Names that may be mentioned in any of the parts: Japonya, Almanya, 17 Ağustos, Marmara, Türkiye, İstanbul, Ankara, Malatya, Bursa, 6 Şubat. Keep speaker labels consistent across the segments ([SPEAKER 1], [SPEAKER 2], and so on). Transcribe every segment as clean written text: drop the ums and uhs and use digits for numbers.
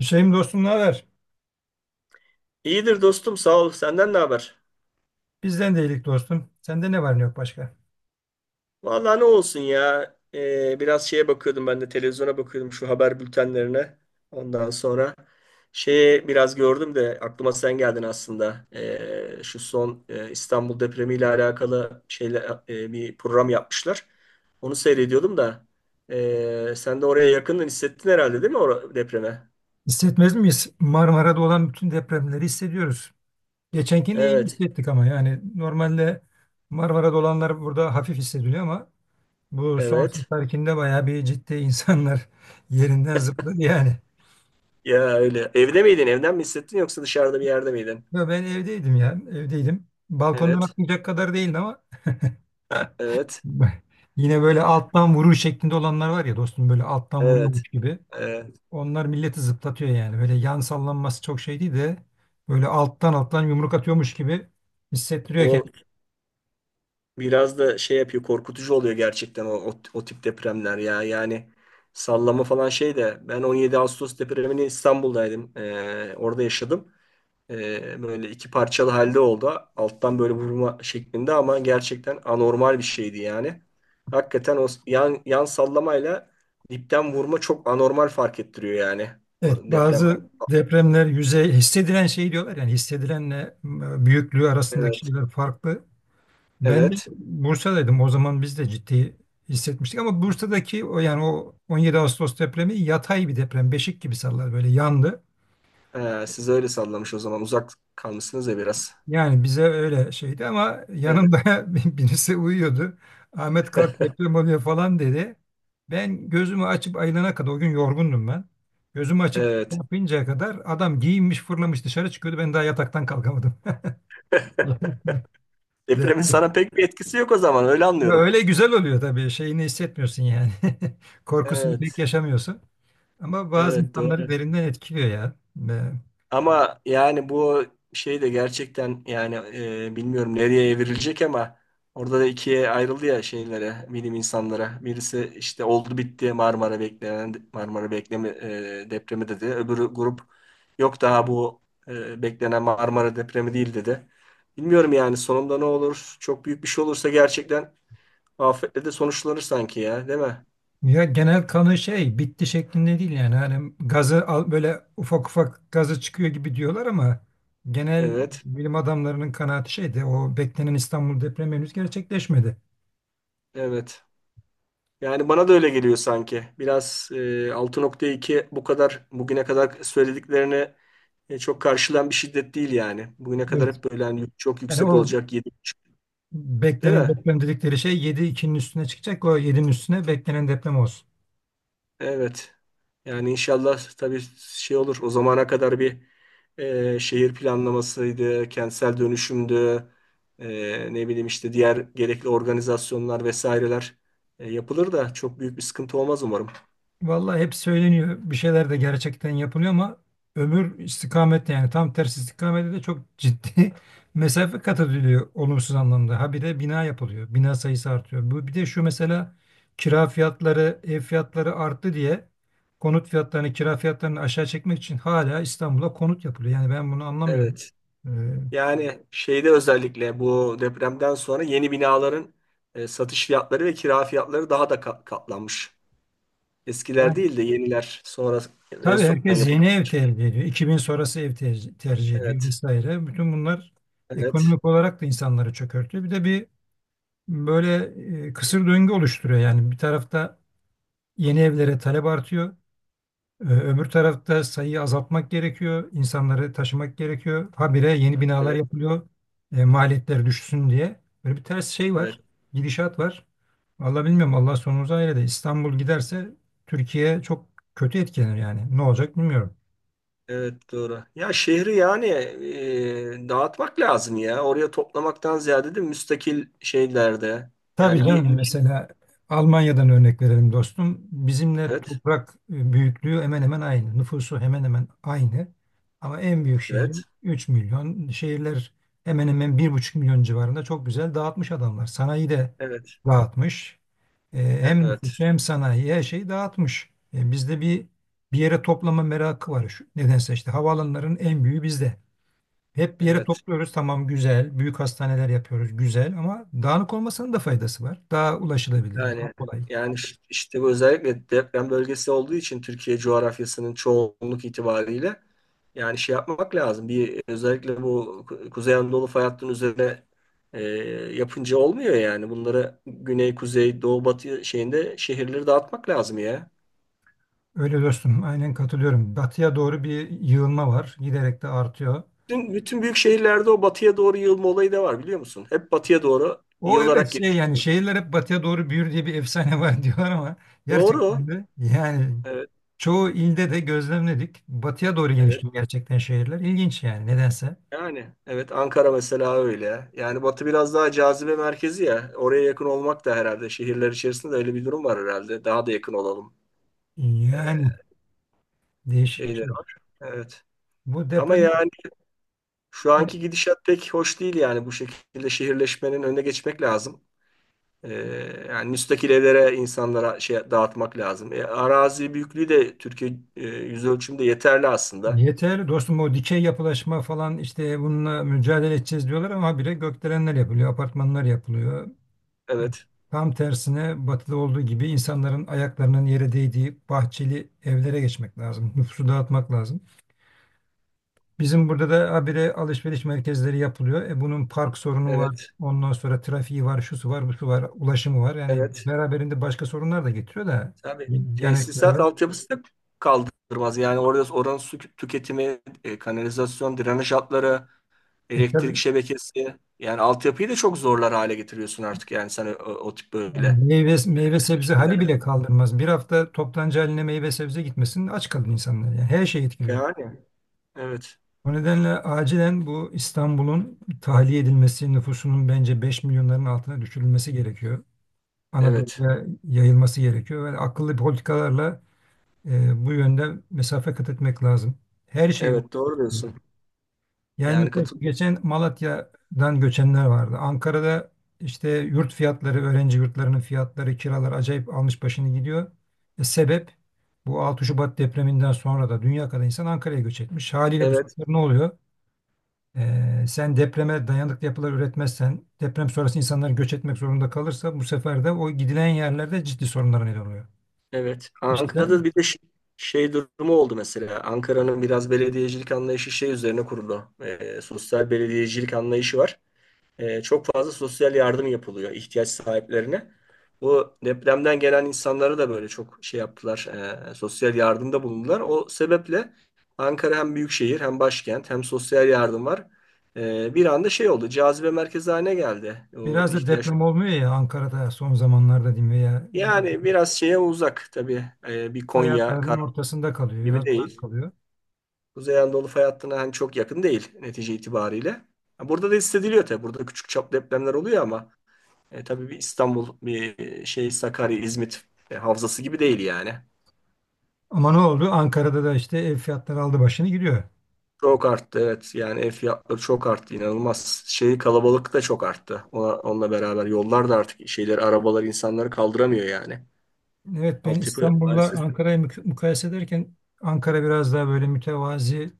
[SPEAKER 1] Hüseyin dostum, ne haber?
[SPEAKER 2] İyidir dostum sağ ol. Senden ne haber?
[SPEAKER 1] Bizden de iyilik dostum. Sende ne var ne yok başka?
[SPEAKER 2] Vallahi ne olsun ya. Biraz şeye bakıyordum, ben de televizyona bakıyordum, şu haber bültenlerine. Ondan sonra şeye biraz gördüm de aklıma sen geldin aslında. Şu son İstanbul depremiyle alakalı şeyle bir program yapmışlar. Onu seyrediyordum da sen de oraya yakından hissettin herhalde, değil mi o depreme?
[SPEAKER 1] Hissetmez miyiz? Marmara'da olan bütün depremleri hissediyoruz. Geçenkini iyi
[SPEAKER 2] Evet.
[SPEAKER 1] hissettik ama yani normalde Marmara'da olanlar burada hafif hissediliyor ama bu son
[SPEAKER 2] Evet.
[SPEAKER 1] seferkinde bayağı bir ciddi insanlar yerinden zıpladı yani.
[SPEAKER 2] Ya öyle. Evde miydin? Evden mi hissettin yoksa dışarıda bir yerde miydin?
[SPEAKER 1] Ya ben evdeydim. Balkondan
[SPEAKER 2] Evet.
[SPEAKER 1] atlayacak kadar değildi ama
[SPEAKER 2] Evet.
[SPEAKER 1] yine böyle alttan vuruş şeklinde olanlar var ya dostum, böyle alttan
[SPEAKER 2] Evet.
[SPEAKER 1] vuruyormuş gibi.
[SPEAKER 2] Evet.
[SPEAKER 1] Onlar milleti zıplatıyor yani. Böyle yan sallanması çok şey değil de böyle alttan yumruk atıyormuş gibi hissettiriyor
[SPEAKER 2] O
[SPEAKER 1] kendini.
[SPEAKER 2] biraz da şey yapıyor, korkutucu oluyor gerçekten o, o, o tip depremler ya. Yani sallama falan şey de ben 17 Ağustos depremini İstanbul'daydım. Orada yaşadım. Böyle iki parçalı halde oldu. Alttan böyle vurma şeklinde ama gerçekten anormal bir şeydi yani. Hakikaten o yan, yan sallamayla dipten vurma çok anormal fark ettiriyor yani o
[SPEAKER 1] Evet,
[SPEAKER 2] deprem.
[SPEAKER 1] bazı depremler yüzey hissedilen şey diyorlar yani hissedilenle büyüklüğü arasındaki
[SPEAKER 2] Evet.
[SPEAKER 1] şeyler farklı. Ben de
[SPEAKER 2] Evet.
[SPEAKER 1] Bursa'daydım. O zaman biz de ciddi hissetmiştik ama Bursa'daki o yani o 17 Ağustos depremi yatay bir deprem, beşik gibi sallar böyle yandı.
[SPEAKER 2] Siz öyle sallamış o zaman uzak kalmışsınız ya biraz.
[SPEAKER 1] Yani bize öyle şeydi ama
[SPEAKER 2] Evet.
[SPEAKER 1] yanımda birisi uyuyordu. Ahmet kalk deprem oluyor falan dedi. Ben gözümü açıp ayılana kadar o gün yorgundum ben. Gözümü açıp
[SPEAKER 2] Evet.
[SPEAKER 1] kapayıncaya kadar adam giyinmiş fırlamış dışarı çıkıyordu. Ben daha yataktan kalkamadım. De.
[SPEAKER 2] Depremin sana pek bir etkisi yok o zaman, öyle
[SPEAKER 1] Ya
[SPEAKER 2] anlıyorum.
[SPEAKER 1] öyle güzel oluyor tabii. Şeyini hissetmiyorsun yani. Korkusunu pek
[SPEAKER 2] Evet.
[SPEAKER 1] yaşamıyorsun. Ama bazı
[SPEAKER 2] Evet
[SPEAKER 1] insanları
[SPEAKER 2] doğru.
[SPEAKER 1] derinden etkiliyor ya.
[SPEAKER 2] Ama yani bu şey de gerçekten yani, bilmiyorum nereye evrilecek ama orada da ikiye ayrıldı ya şeylere, bilim insanlara. Birisi işte oldu bitti Marmara beklenen Marmara bekleme depremi dedi. Öbürü grup yok daha bu beklenen Marmara depremi değil dedi. Bilmiyorum yani sonunda ne olur? Çok büyük bir şey olursa gerçekten afetle de sonuçlanır sanki ya, değil mi?
[SPEAKER 1] Ya genel kanı şey bitti şeklinde değil yani hani gazı al, böyle ufak ufak gazı çıkıyor gibi diyorlar ama genel
[SPEAKER 2] Evet,
[SPEAKER 1] bilim adamlarının kanaati şeydi, o beklenen İstanbul depremi henüz gerçekleşmedi.
[SPEAKER 2] evet. Yani bana da öyle geliyor sanki. Biraz altı nokta iki bu kadar bugüne kadar söylediklerine çok karşılan bir şiddet değil yani. Bugüne kadar
[SPEAKER 1] Evet.
[SPEAKER 2] hep böyle hani çok
[SPEAKER 1] Yani
[SPEAKER 2] yüksek
[SPEAKER 1] o
[SPEAKER 2] olacak 7.5 değil
[SPEAKER 1] beklenen
[SPEAKER 2] mi?
[SPEAKER 1] deprem dedikleri şey 7.2'nin üstüne çıkacak, o 7'nin üstüne beklenen deprem olsun.
[SPEAKER 2] Evet. Yani inşallah tabii şey olur. O zamana kadar bir şehir planlamasıydı, kentsel dönüşümdü, ne bileyim işte diğer gerekli organizasyonlar vesaireler yapılır da çok büyük bir sıkıntı olmaz umarım.
[SPEAKER 1] Vallahi hep söyleniyor. Bir şeyler de gerçekten yapılıyor ama öbür istikamette yani tam tersi istikamette de çok ciddi mesafe kat ediliyor olumsuz anlamda. Ha bir de bina yapılıyor. Bina sayısı artıyor. Bu bir de şu mesela, kira fiyatları, ev fiyatları arttı diye konut fiyatlarını, kira fiyatlarını aşağı çekmek için hala İstanbul'a konut yapılıyor. Yani ben bunu anlamıyorum.
[SPEAKER 2] Evet.
[SPEAKER 1] Ee,
[SPEAKER 2] Yani şeyde özellikle bu depremden sonra yeni binaların satış fiyatları ve kira fiyatları daha da katlanmış. Eskiler
[SPEAKER 1] Yani
[SPEAKER 2] değil de yeniler sonra en
[SPEAKER 1] tabii
[SPEAKER 2] son
[SPEAKER 1] herkes
[SPEAKER 2] yapılan.
[SPEAKER 1] yeni ev tercih ediyor. 2000 sonrası ev tercih ediyor
[SPEAKER 2] Evet,
[SPEAKER 1] vesaire. Bütün bunlar
[SPEAKER 2] evet,
[SPEAKER 1] ekonomik olarak da insanları çökertiyor. Bir de böyle kısır döngü oluşturuyor. Yani bir tarafta yeni evlere talep artıyor. Öbür tarafta sayıyı azaltmak gerekiyor. İnsanları taşımak gerekiyor. Habire yeni binalar
[SPEAKER 2] evet,
[SPEAKER 1] yapılıyor. Maliyetler düşsün diye. Böyle bir ters şey
[SPEAKER 2] evet,
[SPEAKER 1] var. Gidişat var. Vallahi bilmiyorum. Allah sonumuzu hayır eder. İstanbul giderse Türkiye çok kötü etkilenir yani. Ne olacak bilmiyorum.
[SPEAKER 2] evet doğru. Ya şehri yani dağıtmak lazım ya. Oraya toplamaktan ziyade de müstakil şeylerde.
[SPEAKER 1] Tabii
[SPEAKER 2] Yani
[SPEAKER 1] canım, mesela Almanya'dan örnek verelim dostum. Bizimle
[SPEAKER 2] evet,
[SPEAKER 1] toprak büyüklüğü hemen hemen aynı. Nüfusu hemen hemen aynı. Ama en büyük şehri
[SPEAKER 2] evet,
[SPEAKER 1] 3 milyon. Şehirler hemen hemen 1,5 milyon civarında, çok güzel dağıtmış adamlar. Sanayi de
[SPEAKER 2] evet,
[SPEAKER 1] dağıtmış. E, hem
[SPEAKER 2] evet,
[SPEAKER 1] nüfusu hem sanayi her şeyi dağıtmış. E, bizde bir yere toplama merakı var. Şu, nedense işte havaalanların en büyüğü bizde. Hep bir yere
[SPEAKER 2] evet.
[SPEAKER 1] topluyoruz, tamam güzel. Büyük hastaneler yapıyoruz güzel ama dağınık olmasının da faydası var. Daha ulaşılabilir, daha
[SPEAKER 2] Yani
[SPEAKER 1] kolay.
[SPEAKER 2] yani işte bu özellikle deprem bölgesi olduğu için Türkiye coğrafyasının çoğunluk itibariyle, yani şey yapmak lazım. Bir özellikle bu Kuzey Anadolu fay hattının üzerine e, yapınca olmuyor yani. Bunları güney, kuzey, doğu, batı şeyinde şehirleri dağıtmak lazım ya.
[SPEAKER 1] Öyle dostum, aynen katılıyorum. Batıya doğru bir yığılma var. Giderek de artıyor.
[SPEAKER 2] Bütün büyük şehirlerde o batıya doğru yığılma olayı da var biliyor musun? Hep batıya doğru
[SPEAKER 1] O evet
[SPEAKER 2] yığılarak
[SPEAKER 1] şey yani
[SPEAKER 2] gelişiyor.
[SPEAKER 1] şehirler hep batıya doğru büyür diye bir efsane var diyorlar ama
[SPEAKER 2] Doğru.
[SPEAKER 1] gerçekten de yani
[SPEAKER 2] Evet,
[SPEAKER 1] çoğu ilde de gözlemledik. Batıya doğru
[SPEAKER 2] evet.
[SPEAKER 1] genişliyor gerçekten şehirler. İlginç yani nedense.
[SPEAKER 2] Yani evet Ankara mesela öyle. Yani Batı biraz daha cazibe merkezi ya. Oraya yakın olmak da herhalde, şehirler içerisinde de öyle bir durum var herhalde. Daha da yakın olalım e,
[SPEAKER 1] Yani değişik bir
[SPEAKER 2] şeyleri
[SPEAKER 1] şey.
[SPEAKER 2] var. Evet.
[SPEAKER 1] Bu
[SPEAKER 2] Ama
[SPEAKER 1] deprem.
[SPEAKER 2] yani şu anki gidişat pek hoş değil, yani bu şekilde şehirleşmenin önüne geçmek lazım. E, Yani müstakil evlere insanlara şey dağıtmak lazım. E, arazi büyüklüğü de Türkiye yüz ölçümde yeterli aslında.
[SPEAKER 1] Yeter dostum, o dikey yapılaşma falan işte bununla mücadele edeceğiz diyorlar ama habire gökdelenler yapılıyor, apartmanlar yapılıyor. E,
[SPEAKER 2] Evet.
[SPEAKER 1] tam tersine batıda olduğu gibi insanların ayaklarının yere değdiği bahçeli evlere geçmek lazım. Nüfusu dağıtmak lazım. Bizim burada da habire alışveriş merkezleri yapılıyor. E bunun park sorunu var.
[SPEAKER 2] Evet.
[SPEAKER 1] Ondan sonra trafiği var, şusu var, busu var, ulaşımı var. Yani
[SPEAKER 2] Evet.
[SPEAKER 1] beraberinde başka sorunlar da getiriyor da
[SPEAKER 2] Tabii
[SPEAKER 1] yani
[SPEAKER 2] tesisat altyapısı da kaldırmaz. Yani orada oranın su tüketimi, kanalizasyon, drenaj hatları, elektrik
[SPEAKER 1] tabii.
[SPEAKER 2] şebekesi. Yani altyapıyı da çok zorlar hale getiriyorsun artık yani sen o, o tip
[SPEAKER 1] Yani
[SPEAKER 2] böyle
[SPEAKER 1] meyve sebze hali
[SPEAKER 2] şeylerle.
[SPEAKER 1] bile kaldırmaz. Bir hafta toptancı haline meyve sebze gitmesin aç kalır insanlar. Yani her şey etkiliyor.
[SPEAKER 2] Yani evet.
[SPEAKER 1] O nedenle acilen bu İstanbul'un tahliye edilmesi, nüfusunun bence 5 milyonların altına düşürülmesi gerekiyor.
[SPEAKER 2] Evet.
[SPEAKER 1] Anadolu'ya yayılması gerekiyor ve akıllı politikalarla bu yönde mesafe kat etmek lazım. Her şeyi
[SPEAKER 2] Evet doğru diyorsun.
[SPEAKER 1] etkiliyor. Yani
[SPEAKER 2] Yani
[SPEAKER 1] mesela şu
[SPEAKER 2] katılıyorum.
[SPEAKER 1] geçen Malatya'dan göçenler vardı. Ankara'da işte yurt fiyatları, öğrenci yurtlarının fiyatları, kiralar acayip almış başını gidiyor. E, sebep bu 6 Şubat depreminden sonra da dünya kadar insan Ankara'ya göç etmiş. Haliyle bu
[SPEAKER 2] Evet.
[SPEAKER 1] sefer ne oluyor? E, sen depreme dayanıklı yapılar üretmezsen, deprem sonrası insanlar göç etmek zorunda kalırsa bu sefer de o gidilen yerlerde ciddi sorunlara neden oluyor.
[SPEAKER 2] Evet.
[SPEAKER 1] İşte
[SPEAKER 2] Ankara'da
[SPEAKER 1] ben-
[SPEAKER 2] bir de şey, şey durumu oldu mesela. Ankara'nın biraz belediyecilik anlayışı şey üzerine kuruldu. E, sosyal belediyecilik anlayışı var. E, çok fazla sosyal yardım yapılıyor ihtiyaç sahiplerine. Bu depremden gelen insanlara da böyle çok şey yaptılar, sosyal yardımda bulundular. O sebeple Ankara hem büyük şehir, hem başkent, hem sosyal yardım var. Bir anda şey oldu, cazibe merkezi haline geldi o
[SPEAKER 1] Biraz da
[SPEAKER 2] ihtiyaç.
[SPEAKER 1] deprem olmuyor ya Ankara'da son zamanlarda diyeyim veya
[SPEAKER 2] Yani biraz şeye uzak tabii. Bir Konya,
[SPEAKER 1] hayatlarının
[SPEAKER 2] Karaman
[SPEAKER 1] ortasında kalıyor,
[SPEAKER 2] gibi
[SPEAKER 1] biraz uzak
[SPEAKER 2] değil.
[SPEAKER 1] kalıyor.
[SPEAKER 2] Kuzey Anadolu fay hattına hani çok yakın değil netice itibariyle. Ha, burada da hissediliyor tabii, burada küçük çaplı depremler oluyor ama tabii bir İstanbul, bir şey Sakarya, İzmit havzası gibi değil yani.
[SPEAKER 1] Ama ne oldu? Ankara'da da işte ev fiyatları aldı başını gidiyor.
[SPEAKER 2] Çok arttı evet. Yani ev fiyatları çok arttı inanılmaz. Şey kalabalık da çok arttı. Ona, onunla beraber yollar da artık şeyleri arabalar insanları kaldıramıyor yani.
[SPEAKER 1] Evet ben
[SPEAKER 2] Altyapı
[SPEAKER 1] İstanbul'la
[SPEAKER 2] maalesef.
[SPEAKER 1] Ankara'yı mukayese ederken Ankara biraz daha böyle mütevazi,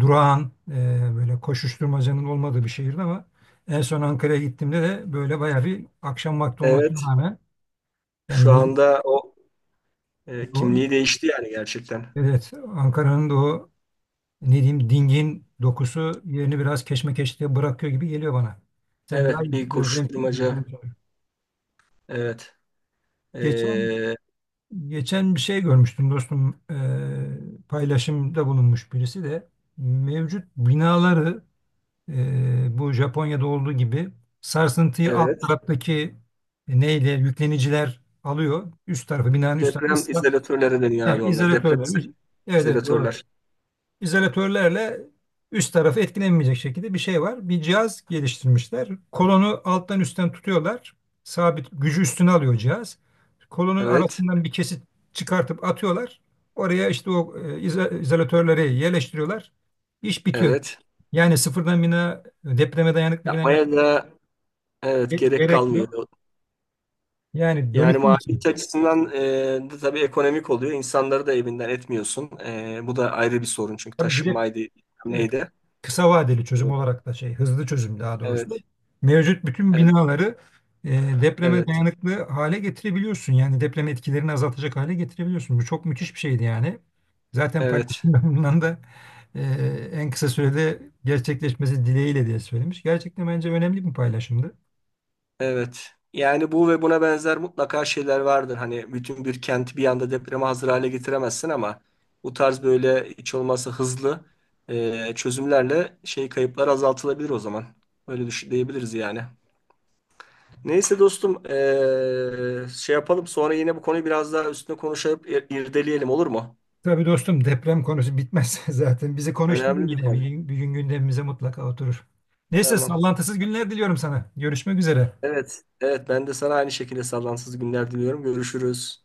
[SPEAKER 1] durağan, böyle koşuşturmacanın olmadığı bir şehirdi ama en son Ankara'ya gittiğimde de böyle bayağı bir akşam vakti
[SPEAKER 2] Evet.
[SPEAKER 1] olmasına rağmen
[SPEAKER 2] Şu
[SPEAKER 1] yani
[SPEAKER 2] anda o
[SPEAKER 1] o,
[SPEAKER 2] kimliği değişti yani gerçekten.
[SPEAKER 1] evet Ankara'nın da o, ne diyeyim, dingin dokusu yerini biraz keşmekeşliğe bırakıyor gibi geliyor bana. Sen daha
[SPEAKER 2] Evet
[SPEAKER 1] iyi
[SPEAKER 2] bir
[SPEAKER 1] gözlem,
[SPEAKER 2] koşuşturmaca.
[SPEAKER 1] gözlem
[SPEAKER 2] Evet.
[SPEAKER 1] Geçen
[SPEAKER 2] E,
[SPEAKER 1] Geçen bir şey görmüştüm dostum. Paylaşımda bulunmuş birisi de mevcut binaları bu Japonya'da olduğu gibi sarsıntıyı alt
[SPEAKER 2] evet.
[SPEAKER 1] taraftaki neyle yükleniciler alıyor. Üst tarafı binanın üst tarafı
[SPEAKER 2] Deprem
[SPEAKER 1] ıslah,
[SPEAKER 2] izolatörleri deniyor
[SPEAKER 1] he,
[SPEAKER 2] abi onlar. Deprem
[SPEAKER 1] izolatörler. Üst- Evet evet doğru,
[SPEAKER 2] izolatörler.
[SPEAKER 1] izolatörlerle üst tarafı etkilenmeyecek şekilde bir şey var. Bir cihaz geliştirmişler. Kolonu alttan üstten tutuyorlar. Sabit gücü üstüne alıyor cihaz. Kolonun
[SPEAKER 2] Evet.
[SPEAKER 1] arasından bir kesit çıkartıp atıyorlar. Oraya işte o izolatörleri yerleştiriyorlar. İş bitiyor.
[SPEAKER 2] Evet.
[SPEAKER 1] Yani depreme dayanıklı bina
[SPEAKER 2] Yapmaya
[SPEAKER 1] yapmak
[SPEAKER 2] da evet gerek
[SPEAKER 1] gerek
[SPEAKER 2] kalmıyor.
[SPEAKER 1] yok. Yani
[SPEAKER 2] Yani
[SPEAKER 1] dönüşüm
[SPEAKER 2] maliyet
[SPEAKER 1] için.
[SPEAKER 2] açısından de tabii ekonomik oluyor. İnsanları da evinden etmiyorsun. E, bu da ayrı bir sorun çünkü
[SPEAKER 1] Tabii bir de
[SPEAKER 2] taşınmaydı
[SPEAKER 1] evet,
[SPEAKER 2] neydi?
[SPEAKER 1] kısa vadeli çözüm olarak da şey, hızlı çözüm daha doğrusu,
[SPEAKER 2] Evet,
[SPEAKER 1] mevcut bütün
[SPEAKER 2] evet,
[SPEAKER 1] binaları e, depreme
[SPEAKER 2] evet,
[SPEAKER 1] dayanıklı hale getirebiliyorsun. Yani deprem etkilerini azaltacak hale getirebiliyorsun. Bu çok müthiş bir şeydi yani. Zaten
[SPEAKER 2] evet,
[SPEAKER 1] paylaşımda bundan da e, en kısa sürede gerçekleşmesi dileğiyle diye söylemiş. Gerçekten bence önemli bir paylaşımdı.
[SPEAKER 2] evet. Yani bu ve buna benzer mutlaka şeyler vardır. Hani bütün bir kenti bir anda depreme hazır hale getiremezsin ama bu tarz böyle hiç olmazsa hızlı çözümlerle şey kayıplar azaltılabilir o zaman. Öyle düşün, diyebiliriz yani. Neyse dostum şey yapalım sonra yine bu konuyu biraz daha üstüne konuşup irdeleyelim, olur mu?
[SPEAKER 1] Tabii dostum, deprem konusu bitmez zaten. Bizi konuşturur
[SPEAKER 2] Önemli bir
[SPEAKER 1] yine. Bir
[SPEAKER 2] konu.
[SPEAKER 1] gün, bir gün gündemimize mutlaka oturur. Neyse,
[SPEAKER 2] Tamam.
[SPEAKER 1] sallantısız günler diliyorum sana. Görüşmek üzere.
[SPEAKER 2] Evet, evet ben de sana aynı şekilde sallansız günler diliyorum. Görüşürüz.